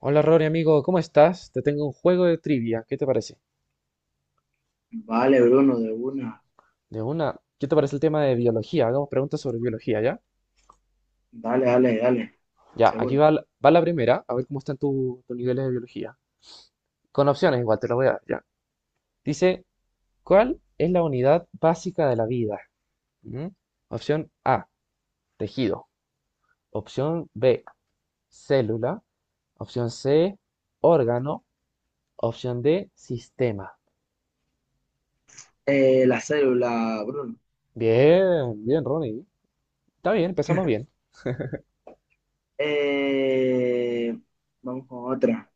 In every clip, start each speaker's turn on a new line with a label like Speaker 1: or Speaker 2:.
Speaker 1: Hola Rory, amigo, ¿cómo estás? Te tengo un juego de trivia, ¿qué te parece?
Speaker 2: Vale, Bruno, de una.
Speaker 1: De una, ¿qué te parece el tema de biología? Hagamos preguntas sobre biología, ¿ya?
Speaker 2: Dale, dale, dale,
Speaker 1: Ya, aquí
Speaker 2: seguro.
Speaker 1: va, va la primera, a ver cómo están tus niveles de biología. Con opciones igual, te lo voy a dar, ya. Dice, ¿cuál es la unidad básica de la vida? ¿Mm? Opción A, tejido. Opción B, célula. Opción C, órgano. Opción D, sistema.
Speaker 2: La célula, Bruno.
Speaker 1: Bien, bien, Ronnie. Está bien, empezamos bien.
Speaker 2: Eh, Vamos con otra.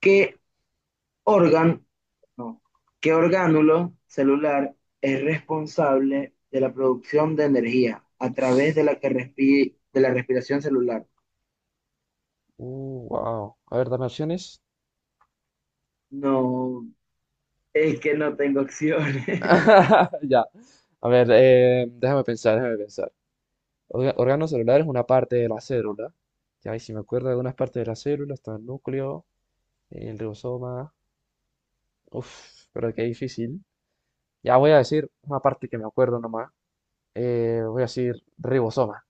Speaker 2: ¿Qué órgano, no, qué orgánulo celular es responsable de la producción de energía a través de la respiración celular?
Speaker 1: Wow. A ver, dame opciones.
Speaker 2: No, es que no tengo opciones.
Speaker 1: Ya. A ver, déjame pensar, déjame pensar. Órgano celular es una parte de la célula. Ya, y si me acuerdo de algunas partes de la célula, está el núcleo, el ribosoma. Uf, pero qué difícil. Ya voy a decir una parte que me acuerdo nomás. Voy a decir ribosoma,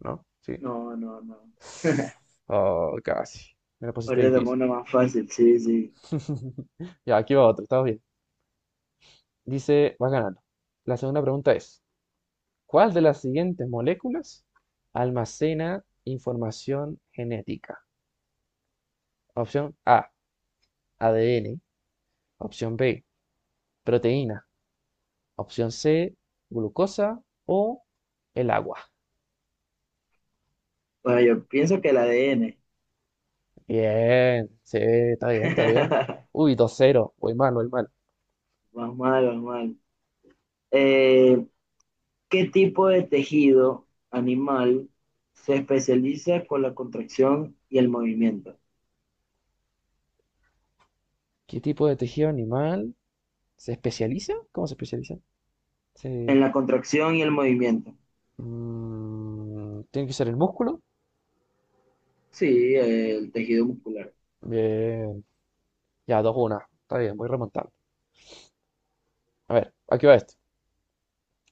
Speaker 1: ¿no? Sí.
Speaker 2: No, no, no.
Speaker 1: Oh, casi. Me la pusiste
Speaker 2: Ahorita te pongo
Speaker 1: difícil.
Speaker 2: una más fácil, sí, sí.
Speaker 1: Ya, aquí va otro, está bien. Dice, vas ganando. La segunda pregunta es. ¿Cuál de las siguientes moléculas almacena información genética? Opción A, ADN. Opción B, proteína. Opción C, glucosa o el agua.
Speaker 2: Bueno, yo pienso que el ADN.
Speaker 1: Bien, sí, está bien, está bien. Uy, 2-0. Voy mal, voy mal.
Speaker 2: Más mal, más mal. Eh, ¿Qué tipo de tejido animal se especializa con la contracción y el movimiento?
Speaker 1: ¿Qué tipo de tejido animal se especializa? ¿Cómo se especializa?
Speaker 2: En
Speaker 1: Se...
Speaker 2: la contracción y el movimiento.
Speaker 1: ¿Tiene que ser el músculo?
Speaker 2: Sí, el tejido muscular.
Speaker 1: Bien. Ya, dos 1. Está bien, voy remontando. A ver, aquí va esto.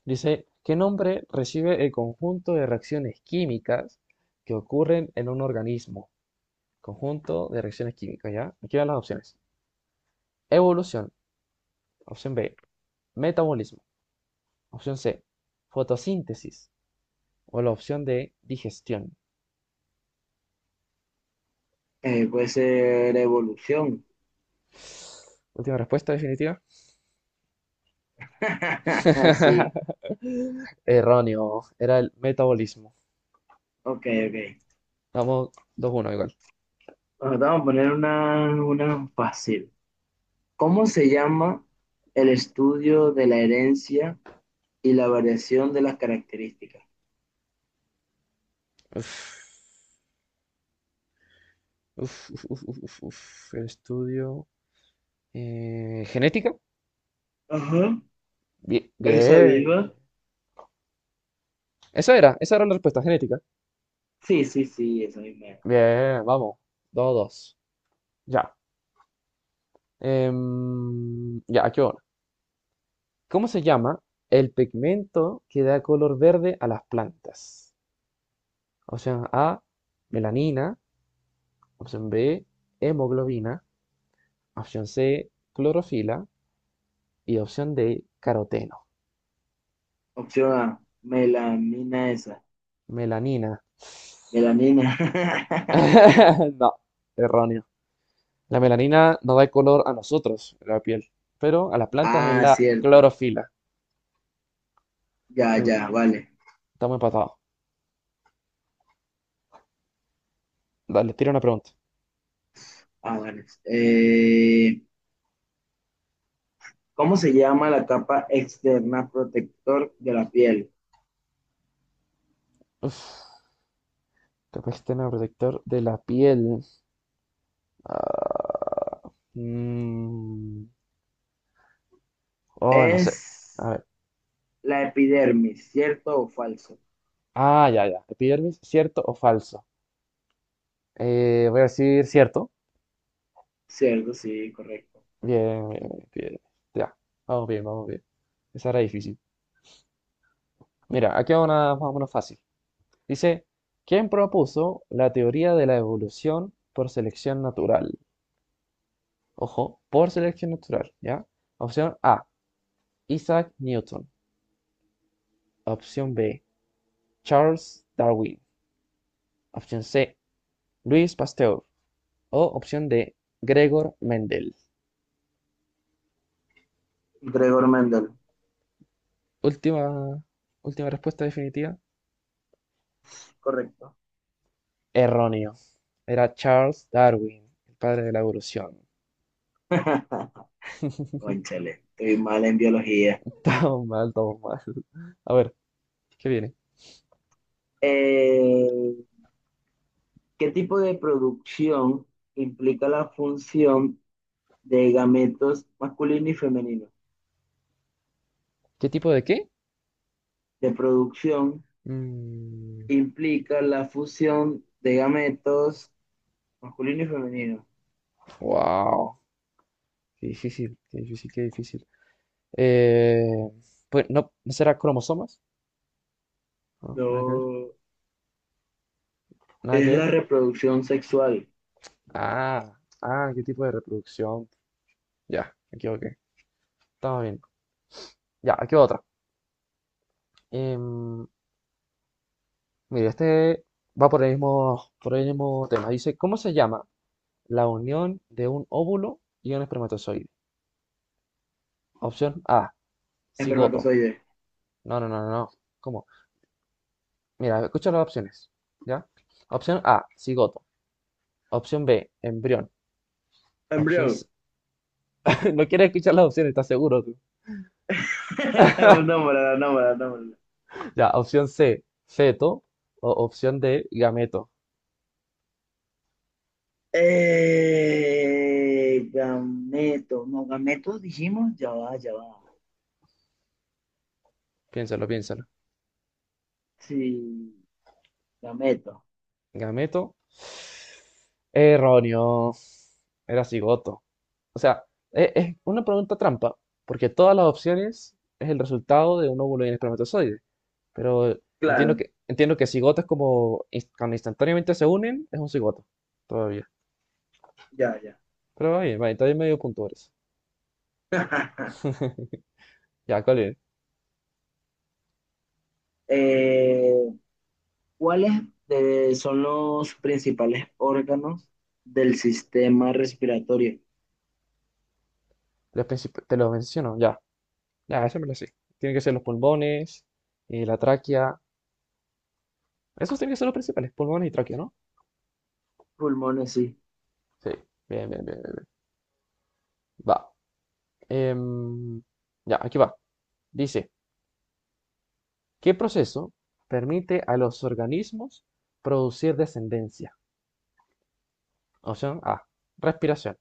Speaker 1: Dice, ¿qué nombre recibe el conjunto de reacciones químicas que ocurren en un organismo? Conjunto de reacciones químicas, ¿ya? Aquí van las opciones. Evolución, opción B. Metabolismo, opción C. Fotosíntesis o la opción de digestión.
Speaker 2: Puede ser evolución.
Speaker 1: Última respuesta definitiva.
Speaker 2: Sí,
Speaker 1: Erróneo, era el metabolismo.
Speaker 2: ok, ok.
Speaker 1: Vamos, 2-1 igual.
Speaker 2: Bueno, te vamos a poner una fácil. ¿Cómo se llama el estudio de la herencia y la variación de las características?
Speaker 1: Uf, uf, uf, uf, uf, uf. El estudio. ¿Genética?
Speaker 2: Ajá,
Speaker 1: Bien,
Speaker 2: esa
Speaker 1: bien.
Speaker 2: misma.
Speaker 1: Esa era la respuesta genética.
Speaker 2: Sí, sí, sí, esa misma.
Speaker 1: Bien, vamos. 2-2. Ya. Ya, aquí va una. ¿Cómo se llama el pigmento que da color verde a las plantas? Opción A, melanina. Opción B, hemoglobina. Opción C, clorofila. Y opción D, caroteno.
Speaker 2: Opción A, melamina esa.
Speaker 1: Melanina.
Speaker 2: Melanina.
Speaker 1: No, erróneo. La melanina no da color a nosotros, la piel, pero a las plantas es
Speaker 2: Ah,
Speaker 1: la
Speaker 2: cierto.
Speaker 1: clorofila.
Speaker 2: Ya,
Speaker 1: Cl-
Speaker 2: ya, vale.
Speaker 1: Estamos empatados. Dale, tira una pregunta.
Speaker 2: Ah, vale. ¿Cómo se llama la capa externa protector de la piel?
Speaker 1: Uf, tema protector de la piel. Mm, oh, no sé. A
Speaker 2: Es
Speaker 1: ver.
Speaker 2: la epidermis, ¿cierto o falso?
Speaker 1: Ah, ya, ya. Epidermis, ¿cierto o falso? Voy a decir cierto.
Speaker 2: Cierto, sí, correcto.
Speaker 1: Bien, bien, bien, epidermis. Ya, vamos bien, vamos bien. Esa era difícil. Mira, aquí va una más o menos fácil. Dice, ¿quién propuso la teoría de la evolución por selección natural? Ojo, por selección natural, ¿ya? Opción A, Isaac Newton. Opción B, Charles Darwin. Opción C, Luis Pasteur. O opción D, Gregor Mendel.
Speaker 2: Gregor Mendel,
Speaker 1: Última, última respuesta definitiva.
Speaker 2: correcto.
Speaker 1: Erróneo. Era Charles Darwin, el padre de la evolución.
Speaker 2: Cónchale, estoy mal en biología.
Speaker 1: Todo mal, todo mal. A ver, ¿qué viene?
Speaker 2: Eh, ¿Qué tipo de producción implica la función de gametos masculino y femenino?
Speaker 1: ¿Qué tipo de qué?
Speaker 2: De producción
Speaker 1: Mm,
Speaker 2: implica la fusión de gametos masculino y femenino.
Speaker 1: wow. Qué difícil, qué difícil, qué difícil. Eh, pues no, ¿no será cromosomas? No, nada que ver.
Speaker 2: No,
Speaker 1: Nada que
Speaker 2: es
Speaker 1: ver.
Speaker 2: la reproducción sexual.
Speaker 1: Ah, ah, qué tipo de reproducción. Ya, me equivoqué. Estamos bien. Ya, aquí va otra. Em, Mira, este va por el mismo tema. Dice, ¿cómo se llama la unión de un óvulo y un espermatozoide? Opción A, cigoto.
Speaker 2: Espermatozoide.
Speaker 1: No, no, no, no, no. ¿Cómo? Mira, escucha las opciones. ¿Ya? Opción A, cigoto. Opción B, embrión. Opción C...
Speaker 2: Embrión.
Speaker 1: No quieres escuchar las opciones, ¿estás seguro tú?
Speaker 2: Nómbrala, nómbrala, nómbrala.
Speaker 1: Ya, opción C, feto. O opción D, gameto.
Speaker 2: Gameto. No, gameto dijimos, ya va, ya va.
Speaker 1: Piénsalo, piénsalo.
Speaker 2: Sí, gameto.
Speaker 1: Gameto. Erróneo. Era cigoto. O sea, es una pregunta trampa, porque todas las opciones es el resultado de un óvulo y un espermatozoide. Pero entiendo
Speaker 2: Claro,
Speaker 1: que, entiendo que cigotas como cuando instantáneamente se unen, es un cigoto, todavía.
Speaker 2: ya, ya.
Speaker 1: Pero va bien, todavía medio punto por eso. Ya, ¿cuál es?
Speaker 2: Eh, ¿Cuáles son los principales órganos del sistema respiratorio?
Speaker 1: Te lo menciono, ya. Ya, eso me lo sé. Tienen que ser los pulmones, la tráquea. Esos tienen que ser los principales, pulmones y tráquea, ¿no?
Speaker 2: Pulmones, sí.
Speaker 1: Sí, bien, bien, bien, bien. Va. Em, ya, aquí va. Dice, ¿qué proceso permite a los organismos producir descendencia? Opción A, respiración.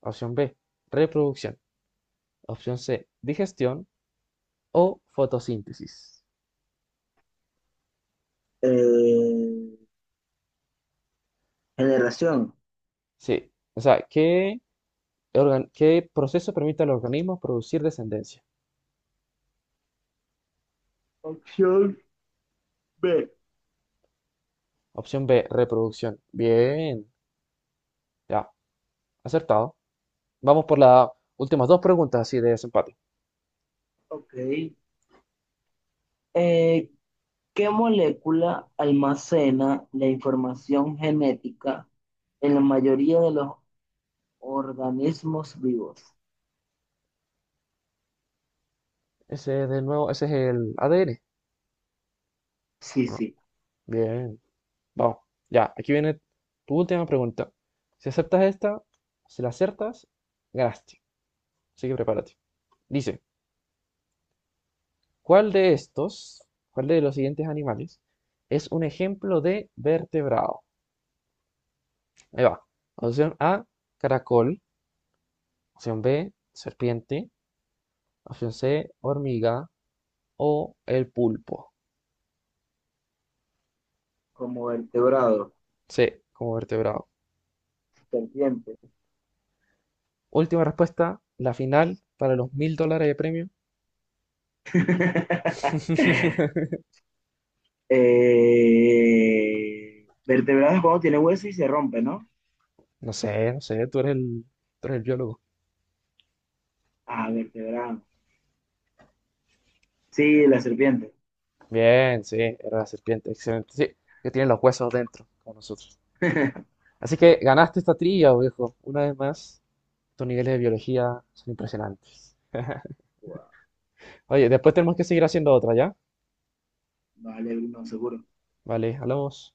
Speaker 1: Opción B, reproducción. Opción C, digestión o fotosíntesis.
Speaker 2: Eh, Generación.
Speaker 1: Sí, o sea, ¿qué, qué proceso permite al organismo producir descendencia?
Speaker 2: Opción B.
Speaker 1: Opción B, reproducción. Bien, ya, acertado. Vamos por las últimas dos preguntas así de desempate.
Speaker 2: Ok. Eh, ¿Qué molécula almacena la información genética en la mayoría de los organismos vivos?
Speaker 1: Ese de nuevo, ese es el ADN.
Speaker 2: Sí,
Speaker 1: ¿no?
Speaker 2: sí.
Speaker 1: Bien. Vamos, ya, aquí viene tu última pregunta. Si aceptas esta, si la acertas, ganaste. Así que prepárate. Dice, ¿cuál de estos, cuál de los siguientes animales es un ejemplo de vertebrado? Ahí va. Opción A, caracol. Opción B, serpiente. Opción C, hormiga. O el pulpo.
Speaker 2: Como vertebrado,
Speaker 1: C, como vertebrado.
Speaker 2: serpiente.
Speaker 1: Última respuesta, la final para los $1,000 de premio.
Speaker 2: Vertebrados cuando tiene hueso y se rompe, ¿no?
Speaker 1: No sé, no sé, tú eres el biólogo.
Speaker 2: Ah, vertebrado. Sí, la serpiente.
Speaker 1: Bien, sí, era la serpiente, excelente. Sí, que tiene los huesos dentro, como nosotros. Así que ganaste esta trilla, viejo. Una vez más, tus niveles de biología son impresionantes.
Speaker 2: Wow.
Speaker 1: Oye, después tenemos que seguir haciendo otra, ¿ya?
Speaker 2: Vale, no, seguro.
Speaker 1: Vale, hablamos.